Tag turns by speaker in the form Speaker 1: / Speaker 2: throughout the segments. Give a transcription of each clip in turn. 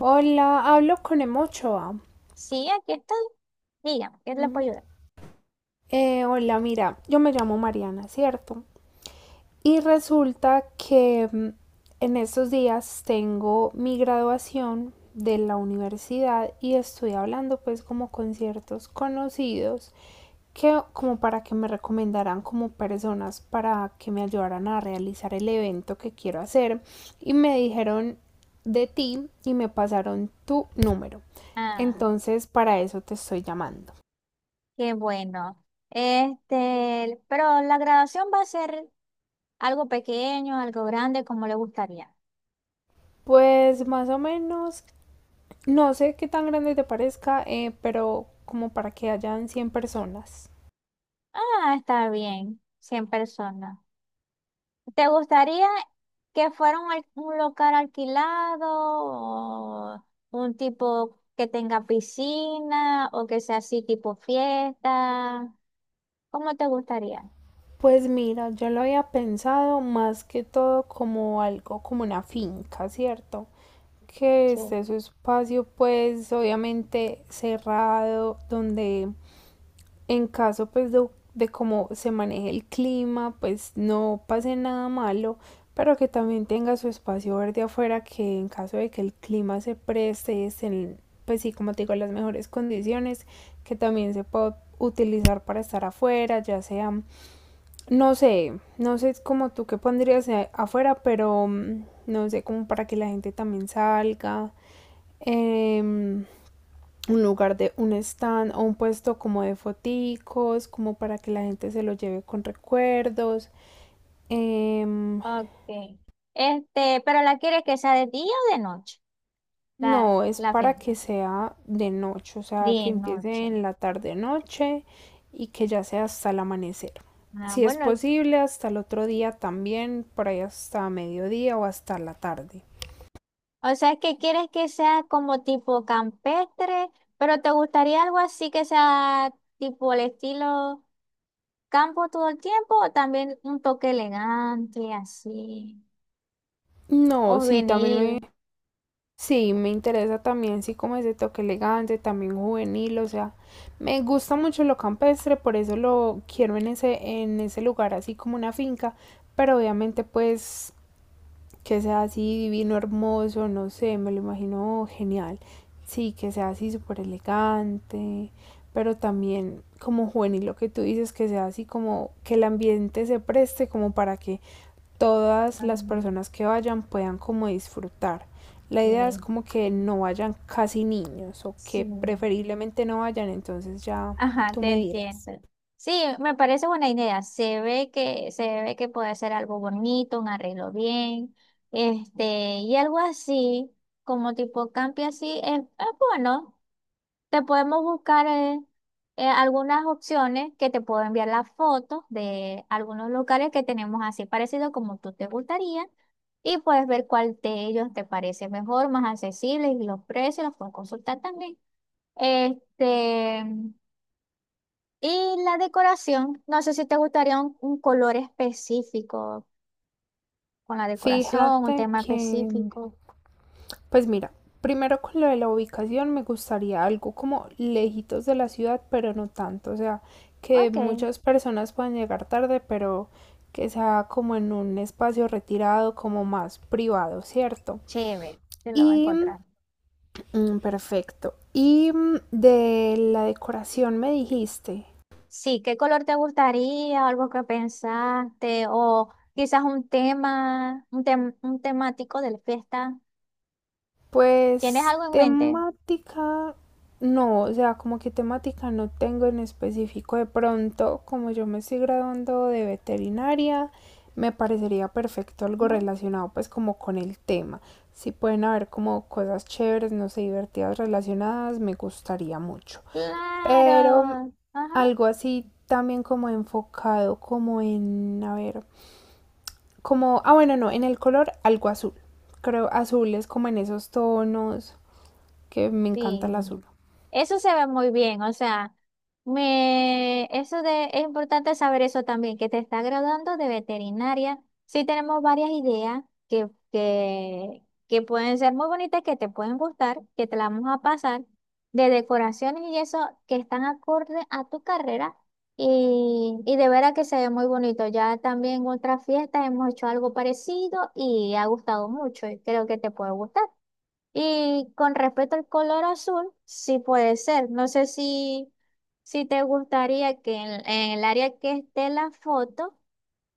Speaker 1: Hola, hablo con Emochoa.
Speaker 2: Sí, aquí estoy. Dígame, ¿qué le
Speaker 1: Mm,
Speaker 2: puedo ayudar?
Speaker 1: hola, mira, yo me llamo Mariana, ¿cierto? Y resulta que en estos días tengo mi graduación de la universidad y estoy hablando pues como con ciertos conocidos que como para que me recomendaran como personas para que me ayudaran a realizar el evento que quiero hacer y me dijeron de ti y me pasaron tu número.
Speaker 2: Ah,
Speaker 1: Entonces para eso te estoy llamando.
Speaker 2: qué bueno. Este, pero la graduación va a ser algo pequeño, algo grande, como le gustaría?
Speaker 1: Pues más o menos, no sé qué tan grande te parezca, pero como para que hayan 100 personas.
Speaker 2: Ah, está bien, 100 personas. ¿Te gustaría que fuera un local alquilado o un tipo que tenga piscina o que sea así tipo fiesta? ¿Cómo te gustaría?
Speaker 1: Pues mira, yo lo había pensado más que todo como algo, como una finca, ¿cierto? Que
Speaker 2: Sí.
Speaker 1: esté su espacio pues obviamente cerrado, donde en caso pues de cómo se maneje el clima, pues no pase nada malo, pero que también tenga su espacio verde afuera, que en caso de que el clima se preste, estén, pues sí, como te digo, las mejores condiciones, que también se pueda utilizar para estar afuera, ya sea, no sé, no sé como tú qué pondrías afuera, pero no sé, como para que la gente también salga. Em, un lugar de un stand o un puesto como de foticos, como para que la gente se lo lleve con recuerdos. Em,
Speaker 2: Ok. Este, pero ¿la quieres que sea de día o de noche? La,
Speaker 1: no, es
Speaker 2: la fe
Speaker 1: para que sea de noche, o sea, que
Speaker 2: De
Speaker 1: empiece
Speaker 2: noche.
Speaker 1: en la tarde-noche y que ya sea hasta el amanecer.
Speaker 2: Ah,
Speaker 1: Si es
Speaker 2: bueno,
Speaker 1: posible, hasta el otro día también, por ahí hasta mediodía o hasta la tarde.
Speaker 2: o sea, que quieres que sea como tipo campestre, pero ¿te gustaría algo así que sea tipo el estilo campo todo el tiempo o también un toque elegante así? O
Speaker 1: No, sí, también
Speaker 2: vinil.
Speaker 1: me Sí, me interesa también, sí, como ese toque elegante, también juvenil, o sea, me gusta mucho lo campestre, por eso lo quiero en ese lugar, así como una finca, pero obviamente pues que sea así divino, hermoso, no sé, me lo imagino genial, sí, que sea así súper elegante, pero también como juvenil, lo que tú dices, que sea así como que el ambiente se preste como para que todas
Speaker 2: Ah,
Speaker 1: las personas que vayan puedan como disfrutar. La idea es
Speaker 2: eh,
Speaker 1: como que no vayan casi niños o
Speaker 2: sí.
Speaker 1: que preferiblemente no vayan, entonces ya
Speaker 2: Ajá,
Speaker 1: tú
Speaker 2: te
Speaker 1: me
Speaker 2: entiendo.
Speaker 1: dirás.
Speaker 2: Sí, me parece buena idea. Se ve que puede ser algo bonito, un arreglo bien, este, y algo así, como tipo campi así, es bueno. Te podemos buscar algunas opciones que te puedo enviar las fotos de algunos lugares que tenemos así parecido como tú te gustaría. Y puedes ver cuál de ellos te parece mejor, más accesible, y los precios los puedes consultar también. Este. Y la decoración, no sé si te gustaría un color específico con la decoración, un
Speaker 1: Fíjate
Speaker 2: tema
Speaker 1: que,
Speaker 2: específico.
Speaker 1: pues mira, primero con lo de la ubicación me gustaría algo como lejitos de la ciudad, pero no tanto, o sea, que
Speaker 2: Ok,
Speaker 1: muchas personas puedan llegar tarde, pero que sea como en un espacio retirado, como más privado, ¿cierto?
Speaker 2: chévere, te lo va a
Speaker 1: Y
Speaker 2: encontrar.
Speaker 1: Perfecto. Y de la decoración me dijiste,
Speaker 2: Sí, ¿qué color te gustaría? ¿Algo que pensaste? O quizás un tema, un temático de la fiesta. ¿Tienes
Speaker 1: pues
Speaker 2: algo en mente?
Speaker 1: temática, no, o sea, como que temática no tengo en específico. De pronto, como yo me estoy graduando de veterinaria, me parecería perfecto algo
Speaker 2: Ajá.
Speaker 1: relacionado pues como con el tema. Si pueden haber como cosas chéveres, no sé, divertidas relacionadas, me gustaría mucho. Pero
Speaker 2: Claro, ajá,
Speaker 1: algo así también como enfocado como en, a ver. Como, ah bueno, no, en el color algo azul. Creo azul es como en esos tonos que me encanta el
Speaker 2: sí.
Speaker 1: azul.
Speaker 2: Eso se ve muy bien, o sea, es importante saber eso también, que te está graduando de veterinaria. Sí tenemos varias ideas que pueden ser muy bonitas, que te pueden gustar, que te las vamos a pasar, de decoraciones y eso que están acorde a tu carrera y de veras que se ve muy bonito. Ya también en otras fiestas hemos hecho algo parecido y ha gustado mucho y creo que te puede gustar. Y con respecto al color azul, sí puede ser. No sé si te gustaría que en el área que esté la foto,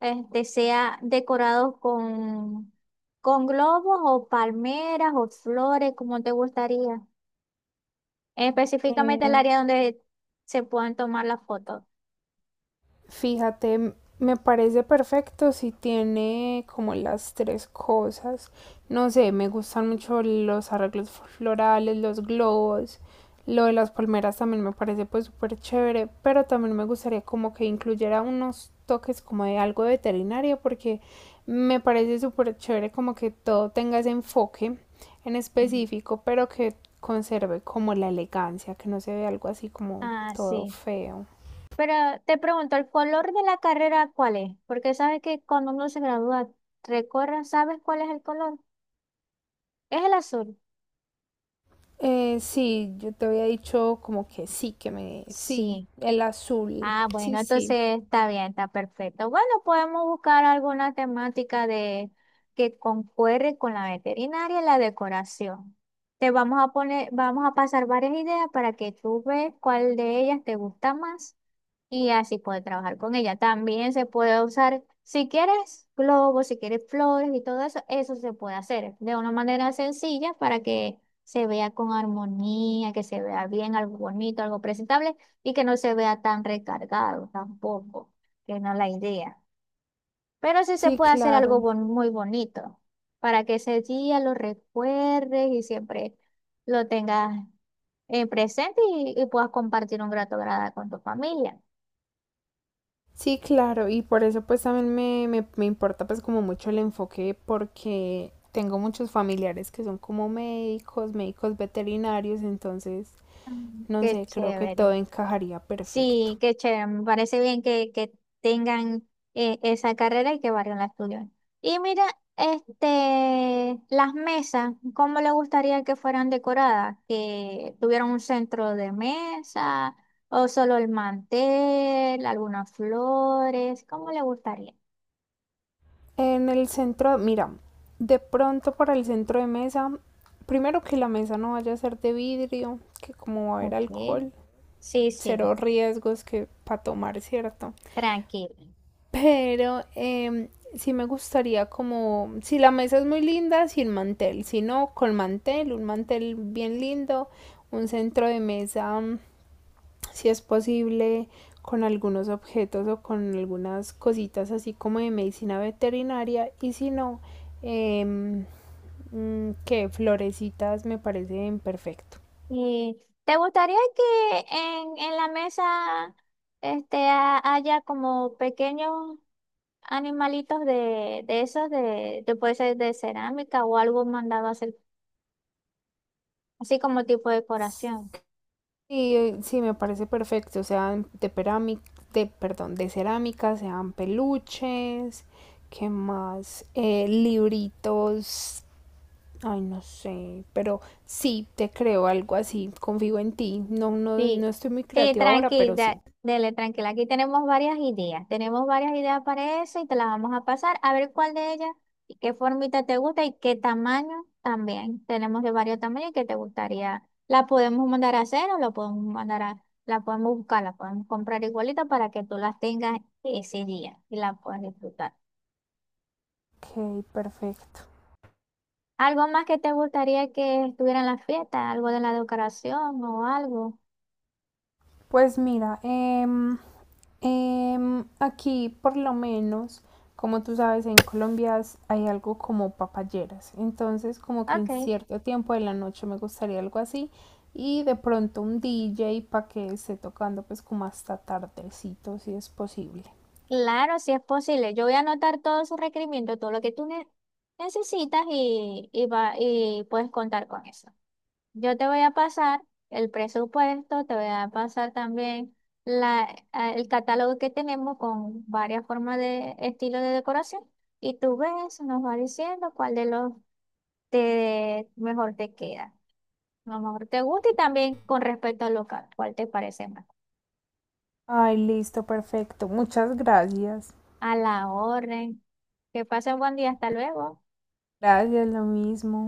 Speaker 2: este, sea decorado con globos o palmeras o flores, como te gustaría. Específicamente el
Speaker 1: Mm,
Speaker 2: área donde se puedan tomar las fotos.
Speaker 1: Fíjate, me parece perfecto si tiene como las tres cosas. No sé, me gustan mucho los arreglos florales, los globos. Lo de las palmeras también me parece pues súper chévere, pero también me gustaría como que incluyera unos toques como de algo de veterinario porque me parece súper chévere como que todo tenga ese enfoque en
Speaker 2: Mm.
Speaker 1: específico, pero que conserve como la elegancia, que no se vea algo así como
Speaker 2: Ah,
Speaker 1: todo
Speaker 2: sí.
Speaker 1: feo.
Speaker 2: Pero te pregunto, ¿el color de la carrera cuál es? Porque sabes que cuando uno se gradúa, recorre, ¿sabes cuál es el color? Es el azul.
Speaker 1: Sí, yo te había dicho como que sí, que me... Sí,
Speaker 2: Sí.
Speaker 1: el azul.
Speaker 2: Ah,
Speaker 1: Sí,
Speaker 2: bueno,
Speaker 1: sí.
Speaker 2: entonces está bien, está perfecto. Bueno, podemos buscar alguna temática de que concuerde con la veterinaria y la decoración. Te vamos a poner, Vamos a pasar varias ideas para que tú veas cuál de ellas te gusta más y así puedes trabajar con ella. También se puede usar, si quieres globos, si quieres flores y todo eso, eso se puede hacer de una manera sencilla para que se vea con armonía, que se vea bien, algo bonito, algo presentable y que no se vea tan recargado tampoco, que no es la idea. Pero sí se
Speaker 1: Sí,
Speaker 2: puede hacer algo
Speaker 1: claro.
Speaker 2: muy bonito para que ese día lo recuerdes y siempre lo tengas en presente y puedas compartir un grato grada con tu familia.
Speaker 1: Sí, claro. Y por eso pues también me importa pues como mucho el enfoque porque tengo muchos familiares que son como médicos, médicos veterinarios, entonces
Speaker 2: Mm.
Speaker 1: no
Speaker 2: Qué
Speaker 1: sé, creo que todo
Speaker 2: chévere.
Speaker 1: encajaría perfecto.
Speaker 2: Sí, qué chévere, me parece bien que tengan esa carrera y que varios la estudien. Y mira, este, las mesas, ¿cómo le gustaría que fueran decoradas? ¿Que tuvieran un centro de mesa o solo el mantel, algunas flores? ¿Cómo le gustaría?
Speaker 1: En el centro, mira, de pronto para el centro de mesa, primero que la mesa no vaya a ser de vidrio, que como va a haber
Speaker 2: Ok,
Speaker 1: alcohol.
Speaker 2: sí, sí,
Speaker 1: Cero riesgos que para tomar, ¿cierto?
Speaker 2: tranquilo.
Speaker 1: Pero sí me gustaría como, si la mesa es muy linda, sin mantel, si no, con mantel, un mantel bien lindo, un centro de mesa, si es posible, con algunos objetos o con algunas cositas así como de medicina veterinaria y si no, eh, que florecitas me parecen perfecto.
Speaker 2: ¿Y te gustaría que en la mesa este, haya como pequeños animalitos de esos, puede ser de cerámica o algo mandado a hacer, así como tipo de decoración?
Speaker 1: Y sí, me parece perfecto, sean de perami- de, perdón, de cerámica, sean peluches, ¿qué más? Libritos, ay, no sé, pero sí, te creo algo así, confío en ti. No, no, no
Speaker 2: Sí,
Speaker 1: estoy muy
Speaker 2: sí,
Speaker 1: creativa ahora, pero
Speaker 2: tranquila,
Speaker 1: sí.
Speaker 2: dele, tranquila. Aquí tenemos varias ideas. Tenemos varias ideas para eso y te las vamos a pasar a ver cuál de ellas y qué formita te gusta y qué tamaño también. Tenemos de varios tamaños que te gustaría. La podemos mandar a hacer o la podemos buscar, la podemos comprar igualita para que tú las tengas ese día y la puedas disfrutar.
Speaker 1: Ok, perfecto.
Speaker 2: ¿Algo más que te gustaría que estuviera en la fiesta? ¿Algo de la decoración o algo?
Speaker 1: Pues mira, aquí, por lo menos, como tú sabes, en Colombia hay algo como papayeras. Entonces, como que en
Speaker 2: Ok,
Speaker 1: cierto tiempo de la noche me gustaría algo así. Y de pronto un DJ para que esté tocando pues como hasta tardecito, si es posible.
Speaker 2: claro, si es posible. Yo voy a anotar todos sus requerimientos, todo lo que tú necesitas y puedes contar con eso. Yo te voy a pasar el presupuesto, te voy a pasar también el catálogo que tenemos con varias formas de estilo de decoración y tú ves, nos va diciendo cuál de los mejor te queda. Lo mejor te gusta y también con respecto al local, ¿cuál te parece más?
Speaker 1: Ay, listo, perfecto. Muchas gracias.
Speaker 2: A la orden. Que pasen buen día, hasta luego.
Speaker 1: Gracias, lo mismo.